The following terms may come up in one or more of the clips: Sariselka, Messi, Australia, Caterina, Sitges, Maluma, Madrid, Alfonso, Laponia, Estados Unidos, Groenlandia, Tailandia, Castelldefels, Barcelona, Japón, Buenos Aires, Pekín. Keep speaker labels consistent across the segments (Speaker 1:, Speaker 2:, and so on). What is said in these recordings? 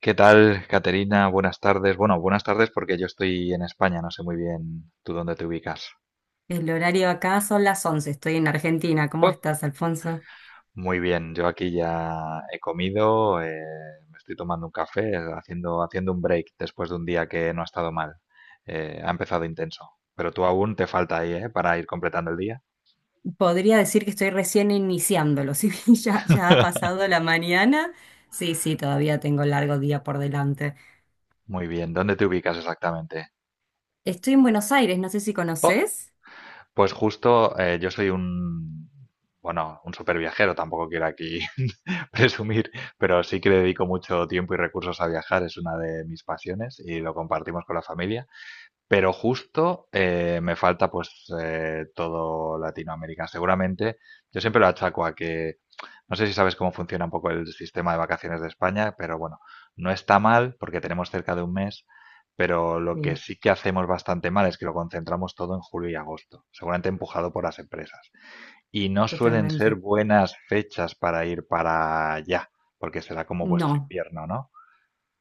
Speaker 1: ¿Qué tal, Caterina? Buenas tardes. Bueno, buenas tardes porque yo estoy en España, no sé muy bien tú dónde te ubicas.
Speaker 2: El horario acá son las 11. Estoy en Argentina. ¿Cómo
Speaker 1: Oh,
Speaker 2: estás, Alfonso?
Speaker 1: muy bien, yo aquí ya he comido, me estoy tomando un café, haciendo un break después de un día que no ha estado mal. Ha empezado intenso, pero tú aún te falta ahí, ¿eh? Para ir completando el día.
Speaker 2: Podría decir que estoy recién iniciándolo, si bien ya ha pasado la mañana. Sí, todavía tengo largo día por delante.
Speaker 1: Muy bien, ¿dónde te ubicas exactamente?
Speaker 2: Estoy en Buenos Aires, no sé si conoces.
Speaker 1: Pues justo yo soy bueno, un super viajero, tampoco quiero aquí presumir, pero sí que le dedico mucho tiempo y recursos a viajar, es una de mis pasiones y lo compartimos con la familia. Pero justo me falta pues todo Latinoamérica. Seguramente, yo siempre lo achaco a que, no sé si sabes cómo funciona un poco el sistema de vacaciones de España, pero bueno, no está mal porque tenemos cerca de un mes, pero lo que
Speaker 2: Sí,
Speaker 1: sí que hacemos bastante mal es que lo concentramos todo en julio y agosto, seguramente empujado por las empresas. Y no suelen ser
Speaker 2: totalmente.
Speaker 1: buenas fechas para ir para allá, porque será como vuestro
Speaker 2: No,
Speaker 1: invierno, ¿no?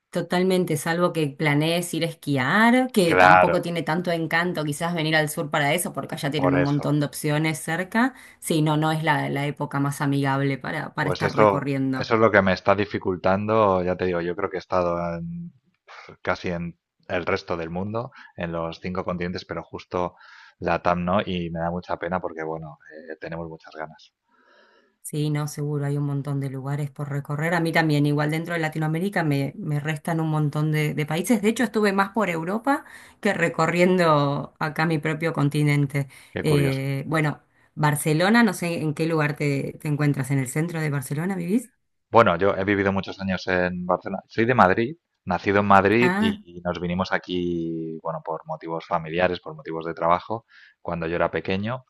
Speaker 2: totalmente, salvo que planees ir a esquiar, que
Speaker 1: Claro,
Speaker 2: tampoco tiene tanto encanto quizás venir al sur para eso, porque allá tienen
Speaker 1: por
Speaker 2: un
Speaker 1: eso.
Speaker 2: montón de opciones cerca. Sí, no, no es la época más amigable para
Speaker 1: Pues
Speaker 2: estar
Speaker 1: eso
Speaker 2: recorriendo.
Speaker 1: es lo que me está dificultando, ya te digo, yo creo que casi en el resto del mundo, en los cinco continentes, pero justo la TAM no, y me da mucha pena porque, bueno, tenemos muchas ganas.
Speaker 2: Sí, no, seguro, hay un montón de lugares por recorrer. A mí también, igual dentro de Latinoamérica me restan un montón de países. De hecho, estuve más por Europa que recorriendo acá mi propio continente.
Speaker 1: Qué curioso.
Speaker 2: Bueno, Barcelona, no sé en qué lugar te encuentras, ¿en el centro de Barcelona vivís?
Speaker 1: Bueno, yo he vivido muchos años en Barcelona, soy de Madrid, nacido en Madrid
Speaker 2: Ah,
Speaker 1: y nos vinimos aquí, bueno, por motivos familiares, por motivos de trabajo, cuando yo era pequeño.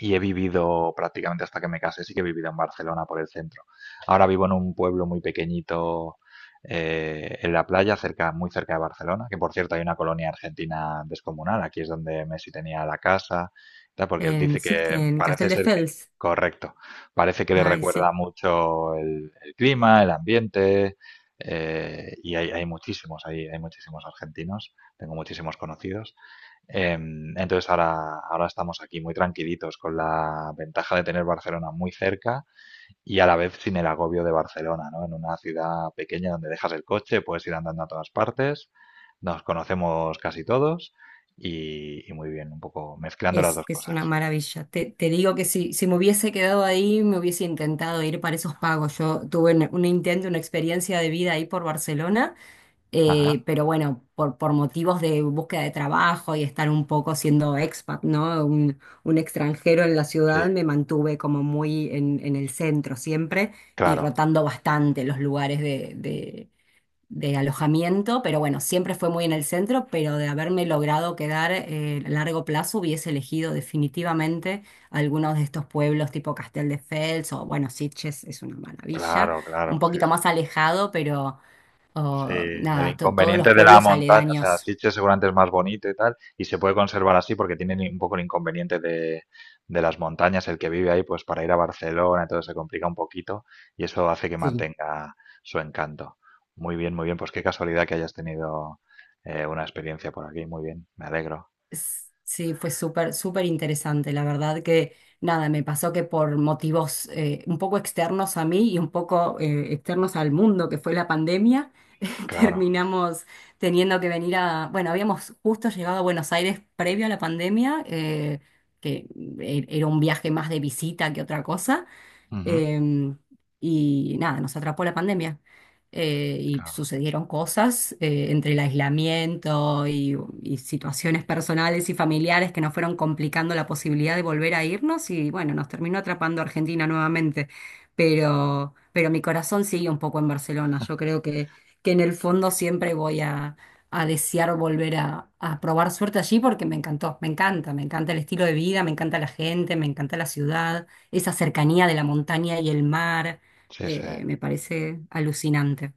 Speaker 1: Y he vivido prácticamente hasta que me casé, sí que he vivido en Barcelona por el centro. Ahora vivo en un pueblo muy pequeñito en la playa, cerca, muy cerca de Barcelona, que por cierto hay una colonia argentina descomunal, aquí es donde Messi tenía la casa, tal, porque
Speaker 2: en,
Speaker 1: dice que
Speaker 2: En
Speaker 1: parece ser que,
Speaker 2: Castelldefels.
Speaker 1: correcto, parece que le
Speaker 2: Ay,
Speaker 1: recuerda
Speaker 2: sí,
Speaker 1: mucho el clima, el ambiente, y hay muchísimos, hay muchísimos argentinos, tengo muchísimos conocidos. Entonces ahora estamos aquí muy tranquilitos con la ventaja de tener Barcelona muy cerca y a la vez sin el agobio de Barcelona, ¿no? En una ciudad pequeña donde dejas el coche, puedes ir andando a todas partes, nos conocemos casi todos y muy bien, un poco mezclando las
Speaker 2: es,
Speaker 1: dos
Speaker 2: es una
Speaker 1: cosas.
Speaker 2: maravilla. Te digo que
Speaker 1: Sí, sí.
Speaker 2: si me hubiese quedado ahí, me hubiese intentado ir para esos pagos. Yo tuve un intento, una experiencia de vida ahí por Barcelona.
Speaker 1: Ajá,
Speaker 2: Pero bueno, por motivos de búsqueda de trabajo y estar un poco siendo expat, ¿no? Un extranjero en la
Speaker 1: sí,
Speaker 2: ciudad, me mantuve como muy en el centro siempre y
Speaker 1: claro,
Speaker 2: rotando bastante los lugares de de alojamiento, pero bueno, siempre fue muy en el centro, pero de haberme logrado quedar a largo plazo, hubiese elegido definitivamente algunos de estos pueblos tipo Castelldefels o bueno, Sitges es una maravilla,
Speaker 1: claro, claro,
Speaker 2: un
Speaker 1: sí,
Speaker 2: poquito
Speaker 1: sí.
Speaker 2: más alejado, pero
Speaker 1: Sí,
Speaker 2: o
Speaker 1: el
Speaker 2: nada, todos los
Speaker 1: inconveniente de la
Speaker 2: pueblos
Speaker 1: montaña, o sea,
Speaker 2: aledaños.
Speaker 1: Sitges seguramente es más bonito y tal, y se puede conservar así porque tienen un poco el inconveniente de las montañas, el que vive ahí, pues para ir a Barcelona, entonces se complica un poquito y eso hace que
Speaker 2: Sí.
Speaker 1: mantenga su encanto. Muy bien, pues qué casualidad que hayas tenido una experiencia por aquí, muy bien, me alegro,
Speaker 2: Sí, fue súper, súper interesante. La verdad que nada, me pasó que por motivos un poco externos a mí y un poco externos al mundo, que fue la pandemia,
Speaker 1: claro,
Speaker 2: terminamos teniendo que venir a, bueno, habíamos justo llegado a Buenos Aires previo a la pandemia, que era un viaje más de visita que otra cosa.
Speaker 1: ujú,
Speaker 2: Em, y nada, nos atrapó la pandemia. Y
Speaker 1: claro,
Speaker 2: sucedieron cosas entre el aislamiento y situaciones personales y familiares que nos fueron complicando la posibilidad de volver a irnos y bueno, nos terminó atrapando Argentina nuevamente. Pero mi corazón sigue un poco en Barcelona. Yo creo que en el fondo siempre voy a desear volver a probar suerte allí porque me encantó, me encanta el estilo de vida, me encanta la gente, me encanta la ciudad, esa cercanía de la montaña y el mar,
Speaker 1: sí, sí.
Speaker 2: me parece alucinante,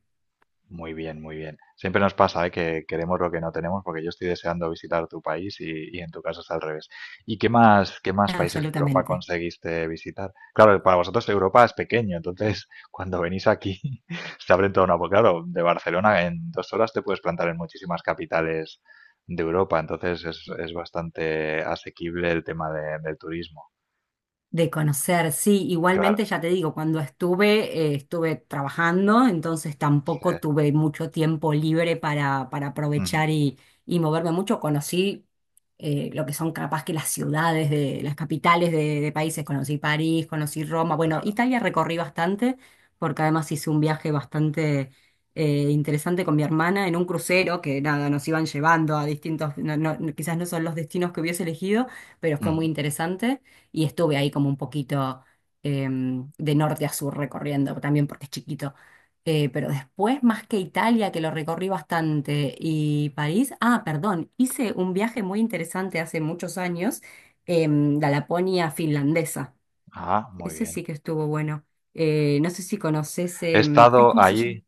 Speaker 1: Muy bien, muy bien. Siempre nos pasa, ¿eh? Que queremos lo que no tenemos, porque yo estoy deseando visitar tu país y en tu caso es al revés. ¿Y qué más países de Europa
Speaker 2: absolutamente.
Speaker 1: conseguiste visitar? Claro, para vosotros Europa es pequeño, entonces cuando venís aquí se abre toda una... Porque claro, de Barcelona en 2 horas te puedes plantar en muchísimas capitales de Europa, entonces es bastante asequible el tema del turismo.
Speaker 2: De conocer, sí,
Speaker 1: Claro,
Speaker 2: igualmente ya te digo, cuando estuve, estuve trabajando, entonces
Speaker 1: sí.
Speaker 2: tampoco tuve mucho tiempo libre para
Speaker 1: Ujú,
Speaker 2: aprovechar y moverme mucho. Conocí lo que son capaz que las ciudades de las capitales de países, conocí París, conocí Roma, bueno,
Speaker 1: claro.
Speaker 2: Italia recorrí bastante, porque además hice un viaje bastante interesante con mi hermana en un crucero que nada, nos iban llevando a distintos, quizás no son los destinos que hubiese elegido, pero fue muy
Speaker 1: Ujú.
Speaker 2: interesante y estuve ahí como un poquito de norte a sur recorriendo, también porque es chiquito. Pero después, más que Italia, que lo recorrí bastante, y París, ah, perdón, hice un viaje muy interesante hace muchos años, la Laponia finlandesa.
Speaker 1: Ah, muy
Speaker 2: Ese
Speaker 1: bien.
Speaker 2: sí que estuvo bueno. No sé si conoces,
Speaker 1: He
Speaker 2: ay,
Speaker 1: estado
Speaker 2: ¿cómo se llama?
Speaker 1: allí.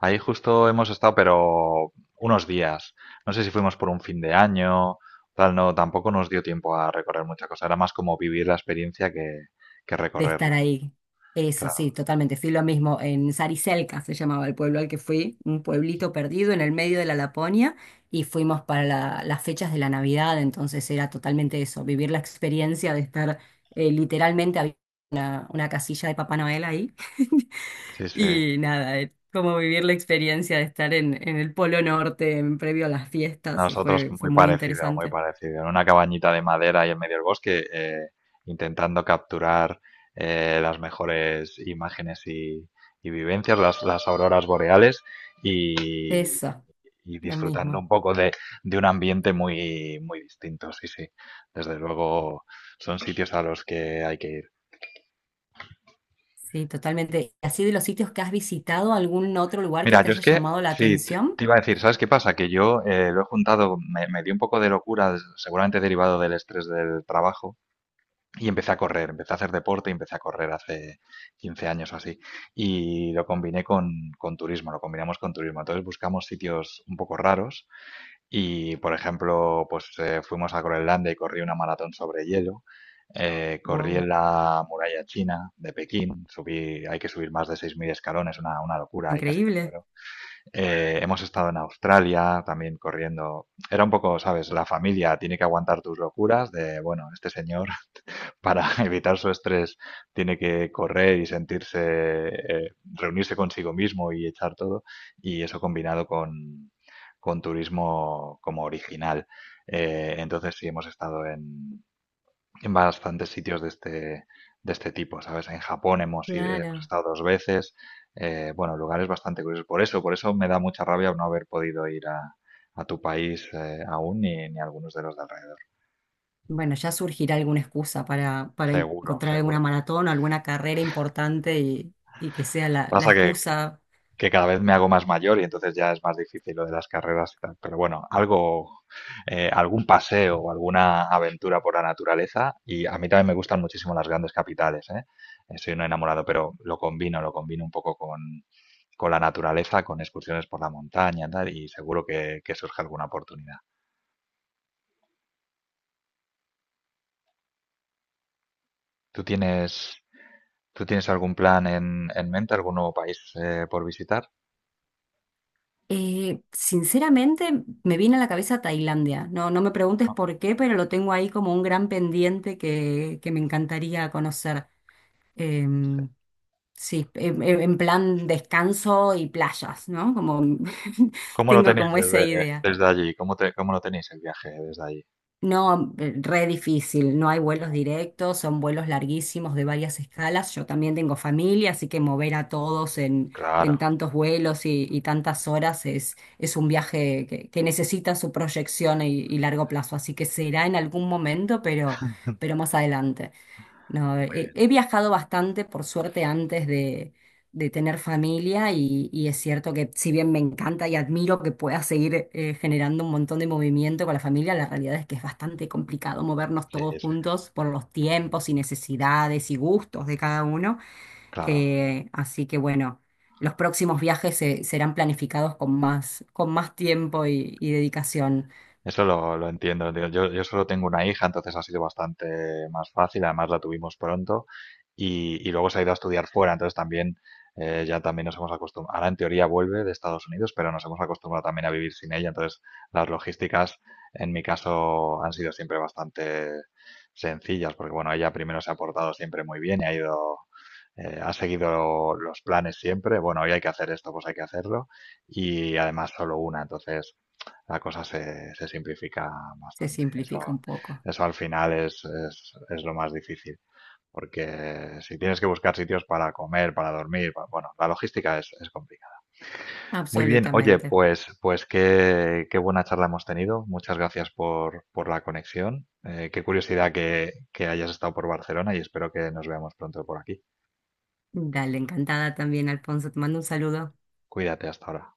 Speaker 1: Ahí justo hemos estado, pero unos días. No sé si fuimos por un fin de año, tal, no, tampoco nos dio tiempo a recorrer mucha cosa. Era más como vivir la experiencia que
Speaker 2: De
Speaker 1: recorrerla.
Speaker 2: estar ahí. Eso, sí,
Speaker 1: Claro,
Speaker 2: totalmente. Fui lo mismo en Sariselka, se llamaba el pueblo al que fui, un pueblito perdido en el medio de la Laponia, y fuimos para las fechas de la Navidad, entonces era totalmente eso, vivir la experiencia de estar, literalmente había una casilla de Papá Noel ahí,
Speaker 1: sí, sí.
Speaker 2: y nada, como vivir la experiencia de estar en el Polo Norte en previo a las fiestas,
Speaker 1: Nosotros
Speaker 2: fue, fue
Speaker 1: muy
Speaker 2: muy
Speaker 1: parecido, muy
Speaker 2: interesante.
Speaker 1: parecido. En una cabañita de madera y en medio del bosque, intentando capturar las mejores imágenes y vivencias, las auroras boreales. Y,
Speaker 2: Eso,
Speaker 1: y
Speaker 2: lo
Speaker 1: disfrutando
Speaker 2: mismo.
Speaker 1: un poco de un ambiente muy, muy distinto. Sí, sí. Desde luego son sitios a los que hay que ir.
Speaker 2: Sí, totalmente. ¿Así de los sitios que has visitado, algún otro lugar que
Speaker 1: Mira,
Speaker 2: te
Speaker 1: yo es
Speaker 2: haya
Speaker 1: que,
Speaker 2: llamado la
Speaker 1: sí, te
Speaker 2: atención?
Speaker 1: te iba a decir, ¿sabes qué pasa? Que yo lo he juntado, me dio un poco de locura, seguramente derivado del estrés del trabajo, y empecé a correr, empecé a hacer deporte y empecé a correr hace 15 años o así. Y lo combiné con turismo, lo combinamos con turismo. Entonces buscamos sitios un poco raros. Y, por ejemplo, pues, fuimos a Groenlandia y corrí una maratón sobre hielo. Corrí
Speaker 2: Wow,
Speaker 1: en la muralla china de Pekín, subí, hay que subir más de 6.000 escalones, una locura, ahí casi me
Speaker 2: increíble.
Speaker 1: muero. Hemos estado en Australia también corriendo. Era un poco, ¿sabes? La familia tiene que aguantar tus locuras de, bueno, este señor para evitar su estrés tiene que correr y sentirse, reunirse consigo mismo y echar todo, y eso combinado con turismo como original. Entonces sí hemos estado en bastantes sitios de este tipo, ¿sabes? En Japón hemos
Speaker 2: Claro.
Speaker 1: estado 2 veces, bueno, lugares bastante curiosos. Por eso me da mucha rabia no haber podido ir a tu país aún ni, ni a algunos de los de alrededor.
Speaker 2: Bueno, ya surgirá alguna excusa para
Speaker 1: Seguro,
Speaker 2: encontrar alguna
Speaker 1: seguro.
Speaker 2: maratón o alguna carrera importante y que sea la, la
Speaker 1: Pasa
Speaker 2: excusa.
Speaker 1: que cada vez me hago más mayor y entonces ya es más difícil lo de las carreras y tal. Pero bueno, algo, algún paseo o alguna aventura por la naturaleza y a mí también me gustan muchísimo las grandes capitales, ¿eh? Soy un enamorado, pero lo combino un poco con la naturaleza, con excursiones por la montaña, tal, y seguro que surge alguna oportunidad. ¿Tú tienes, tú tienes algún plan en mente, algún nuevo país por visitar?
Speaker 2: Sinceramente, me viene a la cabeza Tailandia. No, no me preguntes
Speaker 1: ¿No?
Speaker 2: por qué, pero lo tengo ahí como un gran pendiente que me encantaría conocer.
Speaker 1: Sí.
Speaker 2: Em, Sí, en en plan descanso y playas, ¿no? Como
Speaker 1: ¿Cómo lo
Speaker 2: tengo
Speaker 1: tenéis
Speaker 2: como esa
Speaker 1: desde,
Speaker 2: idea.
Speaker 1: desde allí? ¿Cómo cómo lo tenéis el viaje desde allí?
Speaker 2: No, re difícil, no hay vuelos directos, son vuelos larguísimos de varias escalas. Yo también tengo familia, así que mover a todos en
Speaker 1: Claro.
Speaker 2: tantos vuelos y tantas horas es un viaje que necesita su proyección y largo plazo, así que será en algún momento, pero más adelante. No, a ver,
Speaker 1: Muy
Speaker 2: he,
Speaker 1: bien,
Speaker 2: he viajado bastante, por suerte, antes de tener familia y es cierto que si bien me encanta y admiro que pueda seguir generando un montón de movimiento con la familia, la realidad es que es bastante complicado movernos
Speaker 1: sí,
Speaker 2: todos
Speaker 1: sí,
Speaker 2: juntos por los tiempos y necesidades y gustos de cada uno.
Speaker 1: claro.
Speaker 2: Así que bueno, los próximos viajes serán planificados con más tiempo y dedicación.
Speaker 1: Eso lo entiendo, tío. Yo solo tengo una hija, entonces ha sido bastante más fácil. Además, la tuvimos pronto y luego se ha ido a estudiar fuera. Entonces, también ya también nos hemos acostumbrado. Ahora, en teoría, vuelve de Estados Unidos, pero nos hemos acostumbrado también a vivir sin ella. Entonces, las logísticas, en mi caso, han sido siempre bastante sencillas, porque bueno, ella primero se ha portado siempre muy bien y ha ido, ha seguido los planes siempre. Bueno, hoy hay que hacer esto, pues hay que hacerlo. Y además, solo una. Entonces la cosa se, se simplifica
Speaker 2: Se
Speaker 1: bastante.
Speaker 2: simplifica
Speaker 1: Eso,
Speaker 2: un poco.
Speaker 1: eso al final es lo más difícil, porque si tienes que buscar sitios para comer, para dormir, bueno, la logística es complicada. Muy bien, oye,
Speaker 2: Absolutamente.
Speaker 1: pues, pues qué, qué buena charla hemos tenido. Muchas gracias por la conexión. Qué curiosidad que hayas estado por Barcelona y espero que nos veamos pronto por aquí.
Speaker 2: Dale, encantada también, Alfonso. Te mando un saludo.
Speaker 1: Cuídate hasta ahora.